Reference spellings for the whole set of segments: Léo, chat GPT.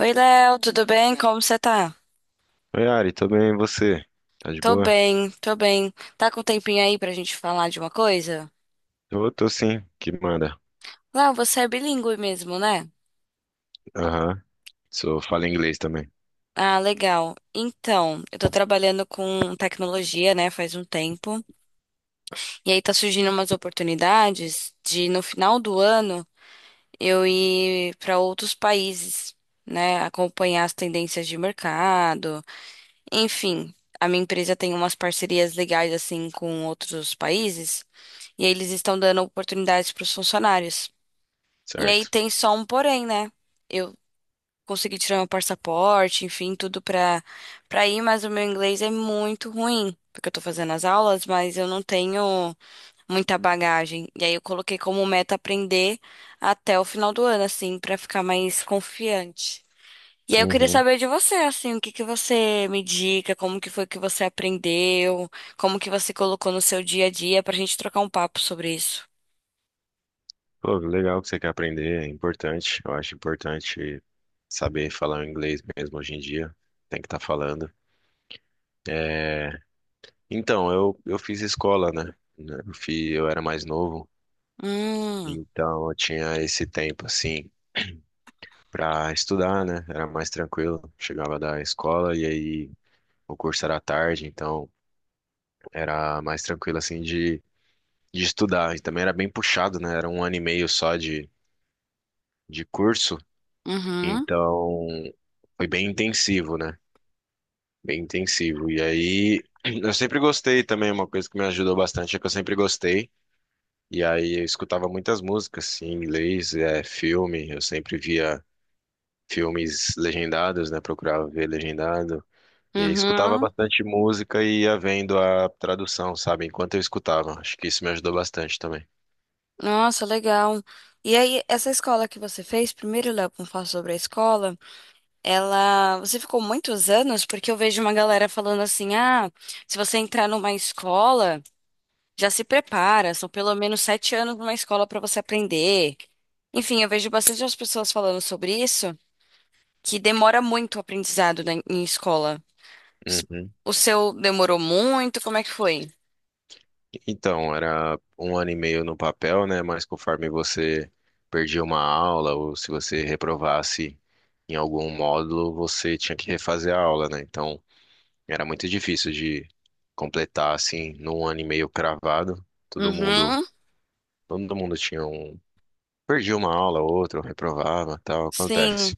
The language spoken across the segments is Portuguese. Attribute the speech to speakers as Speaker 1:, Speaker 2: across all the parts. Speaker 1: Oi, Léo, tudo bem? Como você tá?
Speaker 2: Oi, Ari, tudo bem? E você? Tá de
Speaker 1: Tô
Speaker 2: boa?
Speaker 1: bem, tô bem. Tá com um tempinho aí pra gente falar de uma coisa?
Speaker 2: Eu tô sim, que manda.
Speaker 1: Léo, você é bilíngue mesmo, né?
Speaker 2: Aham, sou, falo inglês também,
Speaker 1: Ah, legal. Então, eu tô trabalhando com tecnologia, né, faz um tempo. E aí tá surgindo umas oportunidades de, no final do ano, eu ir pra outros países, né, acompanhar as tendências de mercado, enfim, a minha empresa tem umas parcerias legais assim com outros países e aí eles estão dando oportunidades para os funcionários. E aí
Speaker 2: certo?
Speaker 1: tem só um porém, né? Eu consegui tirar meu passaporte, enfim, tudo para ir, mas o meu inglês é muito ruim, porque eu tô fazendo as aulas, mas eu não tenho muita bagagem. E aí eu coloquei como meta aprender até o final do ano assim, para ficar mais confiante. E aí eu queria
Speaker 2: Uhum.
Speaker 1: saber de você, assim, o que que você me indica, como que foi que você aprendeu, como que você colocou no seu dia a dia pra gente trocar um papo sobre isso.
Speaker 2: Pô, legal que você quer aprender, é importante. Eu acho importante saber falar o inglês mesmo hoje em dia. Tem que estar falando. É, Então, eu fiz escola, né? Né, eu era mais novo,
Speaker 1: Hum,
Speaker 2: então eu tinha esse tempo, assim, pra estudar, né? Era mais tranquilo. Chegava da escola e aí o curso era à tarde, então... Era mais tranquilo, assim, de estudar. E também era bem puxado, né? Era um ano e meio só de curso.
Speaker 1: uhum,
Speaker 2: Então, foi bem intensivo, né? Bem intensivo. E aí, eu sempre gostei também, uma coisa que me ajudou bastante é que eu sempre gostei. E aí, eu escutava muitas músicas assim, em inglês, filme. Eu sempre via filmes legendados, né? Procurava ver legendado. E aí, escutava
Speaker 1: uhum.
Speaker 2: bastante música e ia vendo a tradução, sabe? Enquanto eu escutava. Acho que isso me ajudou bastante também.
Speaker 1: Nossa, legal. E aí, essa escola que você fez, primeiro, Léo, vamos falar sobre a escola, ela, você ficou muitos anos, porque eu vejo uma galera falando assim, ah, se você entrar numa escola já se prepara, são pelo menos sete anos numa escola para você aprender. Enfim, eu vejo bastante as pessoas falando sobre isso, que demora muito o aprendizado em escola. S-
Speaker 2: Uhum.
Speaker 1: O seu demorou muito? Como é que foi?
Speaker 2: Então, era um ano e meio no papel, né? Mas conforme você perdia uma aula ou se você reprovasse em algum módulo, você tinha que refazer a aula, né? Então, era muito difícil de completar assim num ano e meio cravado.
Speaker 1: Uhum,
Speaker 2: Todo mundo tinha um, perdia uma aula, outra, ou reprovava, tal,
Speaker 1: sim,
Speaker 2: acontece.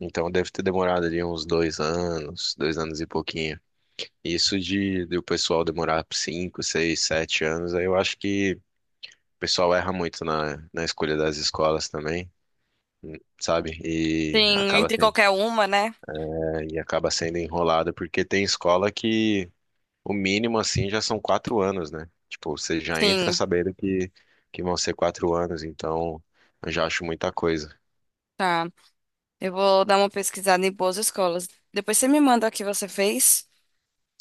Speaker 2: Então, deve ter demorado ali uns dois anos e pouquinho. Isso de o pessoal demorar cinco, seis, sete anos, aí eu acho que o pessoal erra muito na escolha das escolas também, sabe? E
Speaker 1: sim, entre qualquer uma, né?
Speaker 2: é, e acaba sendo enrolado, porque tem escola que o mínimo assim já são quatro anos, né? Tipo, você já entra
Speaker 1: Sim,
Speaker 2: sabendo que vão ser quatro anos, então eu já acho muita coisa.
Speaker 1: tá. Eu vou dar uma pesquisada em boas escolas. Depois você me manda o que você fez,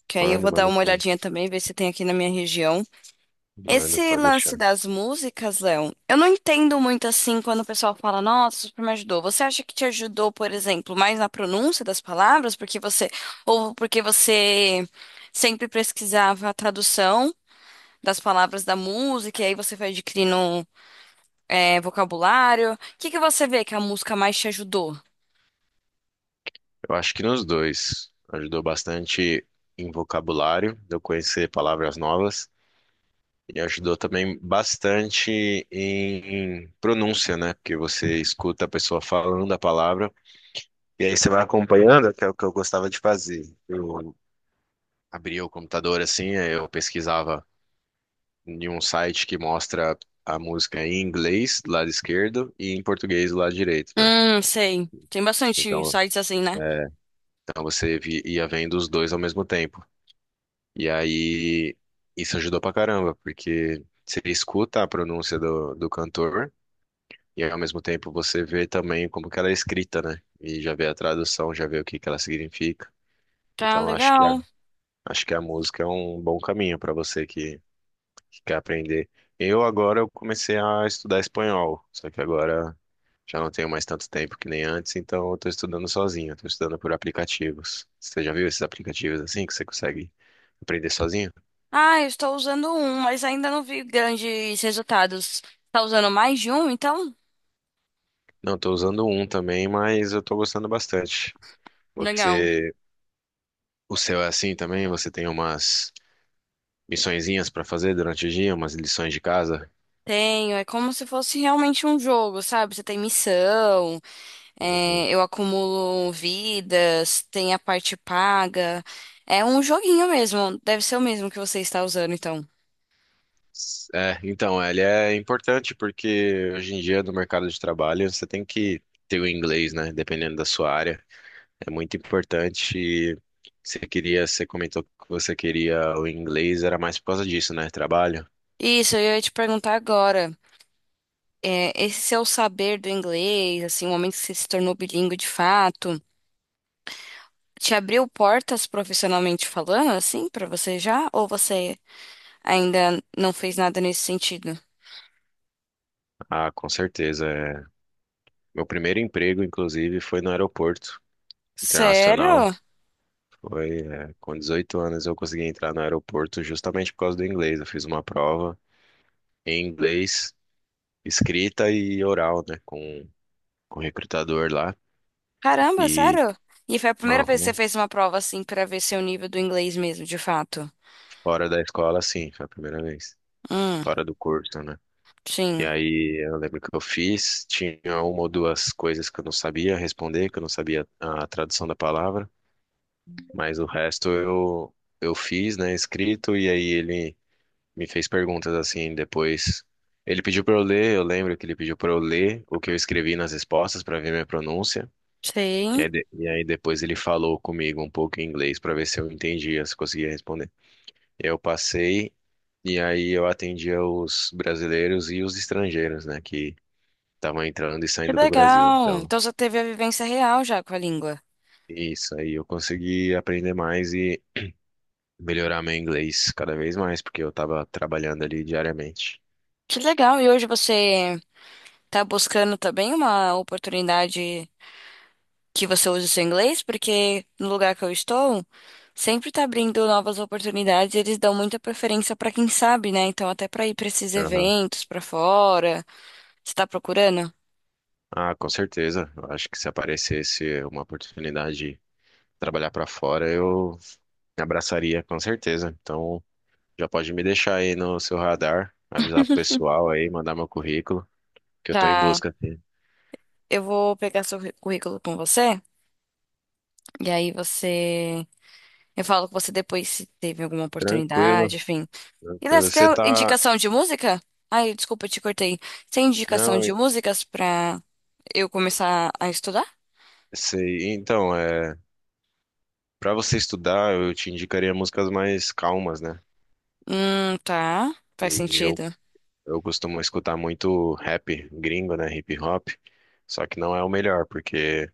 Speaker 1: que aí eu
Speaker 2: Mando,
Speaker 1: vou dar
Speaker 2: mando,
Speaker 1: uma
Speaker 2: sim.
Speaker 1: olhadinha também, ver se tem aqui na minha região.
Speaker 2: Mando,
Speaker 1: Esse
Speaker 2: pode
Speaker 1: lance
Speaker 2: deixar.
Speaker 1: das músicas, Léo, eu não entendo muito assim quando o pessoal fala, nossa, super me ajudou. Você acha que te ajudou, por exemplo, mais na pronúncia das palavras, porque você, ou porque você sempre pesquisava a tradução das palavras da música, e aí você foi adquirindo, vocabulário. O que que você vê que a música mais te ajudou?
Speaker 2: Eu acho que nos dois ajudou bastante em vocabulário, de eu conhecer palavras novas. E ajudou também bastante em pronúncia, né? Porque você escuta a pessoa falando a palavra e aí você vai acompanhando, que é o que eu gostava de fazer. Eu abria o computador assim, aí eu pesquisava em um site que mostra a música em inglês do lado esquerdo e em português do lado direito, né?
Speaker 1: Sei. Tem bastante
Speaker 2: Então,
Speaker 1: sites assim, né?
Speaker 2: então ia vendo os dois ao mesmo tempo. E aí isso ajudou pra caramba, porque você escuta a pronúncia do cantor. E ao mesmo tempo você vê também como que ela é escrita, né? E já vê a tradução, já vê o que que ela significa.
Speaker 1: Tá
Speaker 2: Então
Speaker 1: legal.
Speaker 2: acho que a música é um bom caminho para que quer aprender. Eu agora eu comecei a estudar espanhol, só que agora já não tenho mais tanto tempo que nem antes, então eu tô estudando sozinho, eu tô estudando por aplicativos. Você já viu esses aplicativos assim que você consegue aprender sozinho?
Speaker 1: Ah, eu estou usando um, mas ainda não vi grandes resultados. Tá usando mais de um, então?
Speaker 2: Não, tô usando um também, mas eu tô gostando bastante.
Speaker 1: Legal.
Speaker 2: Você, o seu é assim também? Você tem umas missõezinhas para fazer durante o dia, umas lições de casa.
Speaker 1: Tenho, é como se fosse realmente um jogo, sabe? Você tem missão,
Speaker 2: Uhum.
Speaker 1: eu acumulo vidas, tem a parte paga. É um joguinho mesmo, deve ser o mesmo que você está usando, então.
Speaker 2: É, então, ele é importante porque hoje em dia no mercado de trabalho você tem que ter o inglês, né? Dependendo da sua área, é muito importante. E você queria, você comentou que você queria o inglês, era mais por causa disso, né? Trabalho?
Speaker 1: Isso, eu ia te perguntar agora. Esse seu saber do inglês, assim, o momento que você se tornou bilíngue de fato, te abriu portas profissionalmente falando, assim, pra você já? Ou você ainda não fez nada nesse sentido.
Speaker 2: Ah, com certeza. É. Meu primeiro emprego, inclusive, foi no aeroporto internacional.
Speaker 1: Sério?
Speaker 2: Foi, é, com 18 anos eu consegui entrar no aeroporto justamente por causa do inglês. Eu fiz uma prova em inglês escrita e oral, né, com o recrutador lá.
Speaker 1: Caramba,
Speaker 2: E
Speaker 1: sério? E foi a primeira vez que
Speaker 2: aham,
Speaker 1: você fez uma prova assim pra ver seu nível do inglês mesmo, de fato.
Speaker 2: fora da escola, sim, foi a primeira vez.
Speaker 1: Hum,
Speaker 2: Fora do curso, né? E
Speaker 1: sim.
Speaker 2: aí eu lembro que eu fiz, tinha uma ou duas coisas que eu não sabia responder, que eu não sabia a tradução da palavra, mas o resto eu fiz, né, escrito, e aí ele me fez perguntas assim depois. Ele pediu para eu ler, eu lembro que ele pediu para eu ler o que eu escrevi nas respostas para ver minha pronúncia. E
Speaker 1: Sim.
Speaker 2: aí, e aí depois ele falou comigo um pouco em inglês para ver se eu entendia, se conseguia responder. Eu passei e aí eu atendia os brasileiros e os estrangeiros, né, que estavam entrando e
Speaker 1: Que
Speaker 2: saindo do Brasil.
Speaker 1: legal.
Speaker 2: Então,
Speaker 1: Então você teve a vivência real já com a língua.
Speaker 2: isso aí eu consegui aprender mais e melhorar meu inglês cada vez mais, porque eu estava trabalhando ali diariamente.
Speaker 1: Que legal. E hoje você tá buscando também uma oportunidade que você use o seu inglês? Porque no lugar que eu estou, sempre tá abrindo novas oportunidades, e eles dão muita preferência pra quem sabe, né? Então até pra ir pra esses
Speaker 2: Aham.
Speaker 1: eventos pra fora. Você tá procurando?
Speaker 2: Ah, com certeza. Eu acho que se aparecesse uma oportunidade de trabalhar para fora, eu abraçaria com certeza. Então, já pode me deixar aí no seu radar, avisar pro pessoal aí, mandar meu currículo, que eu tô em
Speaker 1: Tá.
Speaker 2: busca aqui.
Speaker 1: Eu vou pegar seu currículo com você. E aí você. Eu falo com você depois se teve alguma
Speaker 2: Tranquilo,
Speaker 1: oportunidade, enfim. E Léo,
Speaker 2: tranquilo.
Speaker 1: você
Speaker 2: Você
Speaker 1: tem
Speaker 2: tá.
Speaker 1: indicação de música? Ai, desculpa, eu te cortei. Você tem indicação
Speaker 2: Não,
Speaker 1: de músicas pra eu começar a estudar?
Speaker 2: sei. Então, é. Pra você estudar, eu te indicaria músicas mais calmas, né?
Speaker 1: Tá. Faz
Speaker 2: E eu,
Speaker 1: sentido.
Speaker 2: eu costumo escutar muito rap gringo, né? Hip hop. Só que não é o melhor, porque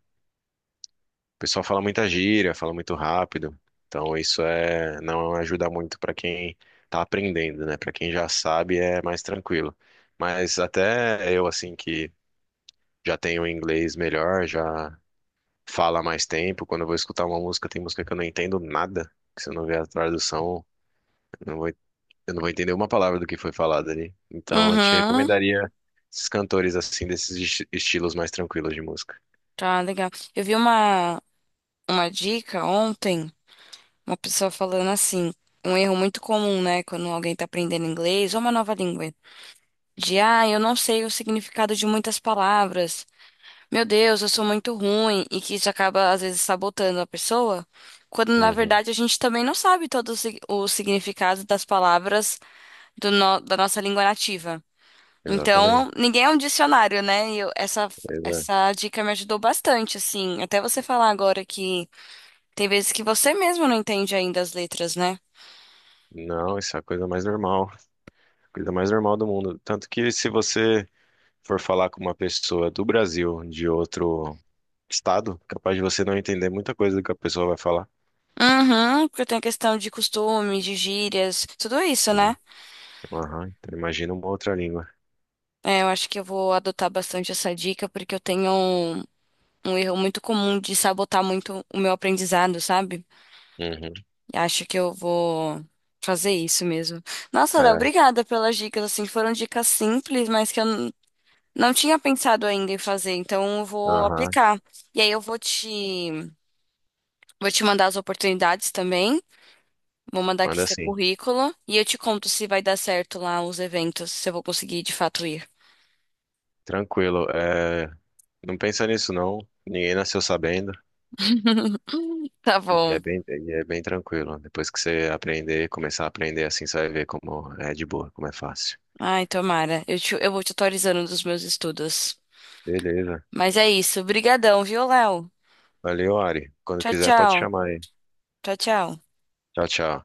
Speaker 2: o pessoal fala muita gíria, fala muito rápido. Então isso é não ajuda muito para quem tá aprendendo, né? Para quem já sabe é mais tranquilo. Mas até eu assim que já tenho um inglês melhor, já falo há mais tempo, quando eu vou escutar uma música, tem música que eu não entendo nada, que se eu não ver a tradução, eu não vou, eu não vou entender uma palavra do que foi falado ali. Então eu te
Speaker 1: Uhum.
Speaker 2: recomendaria esses cantores assim desses estilos mais tranquilos de música.
Speaker 1: Tá, legal. Eu vi uma dica ontem, uma pessoa falando assim, um erro muito comum, né, quando alguém tá aprendendo inglês ou uma nova língua. De, ah, eu não sei o significado de muitas palavras. Meu Deus, eu sou muito ruim e que isso acaba às vezes sabotando a pessoa, quando na
Speaker 2: Uhum,
Speaker 1: verdade a gente também não sabe todo o o significado das palavras do no- da nossa língua nativa. Então,
Speaker 2: exatamente.
Speaker 1: ninguém é um dicionário, né? Essa,
Speaker 2: Pois é.
Speaker 1: essa dica me ajudou bastante, assim. Até você falar agora que tem vezes que você mesmo não entende ainda as letras, né?
Speaker 2: Não, isso é a coisa mais normal. Coisa mais normal do mundo. Tanto que se você for falar com uma pessoa do Brasil, de outro estado, capaz de você não entender muita coisa do que a pessoa vai falar.
Speaker 1: Uhum, porque tem a questão de costume, de gírias, tudo isso, né?
Speaker 2: Uhum. Aham, então imagina uma outra língua.
Speaker 1: É, eu acho que eu vou adotar bastante essa dica, porque eu tenho um, um erro muito comum de sabotar muito o meu aprendizado, sabe?
Speaker 2: Uhum.
Speaker 1: E acho que eu vou fazer isso mesmo. Nossa, Léo,
Speaker 2: É,
Speaker 1: obrigada pelas dicas, assim, foram dicas simples, mas que não tinha pensado ainda em fazer, então eu vou
Speaker 2: aham.
Speaker 1: aplicar. E aí vou te mandar as oportunidades também, vou mandar aqui
Speaker 2: Manda
Speaker 1: seu
Speaker 2: assim.
Speaker 1: currículo, e eu te conto se vai dar certo lá os eventos, se eu vou conseguir de fato ir.
Speaker 2: Tranquilo. É, não pensa nisso, não. Ninguém nasceu sabendo.
Speaker 1: Tá bom.
Speaker 2: E é bem tranquilo. Depois que você aprender, começar a aprender assim, você vai ver como é de boa, como é fácil.
Speaker 1: Ai, tomara. Eu vou te atualizando dos meus estudos.
Speaker 2: Beleza.
Speaker 1: Mas é isso. Brigadão, viu, Léo?
Speaker 2: Valeu, Ari. Quando
Speaker 1: Tchau,
Speaker 2: quiser,
Speaker 1: tchau.
Speaker 2: pode chamar aí.
Speaker 1: Tchau, tchau.
Speaker 2: Tchau, tchau.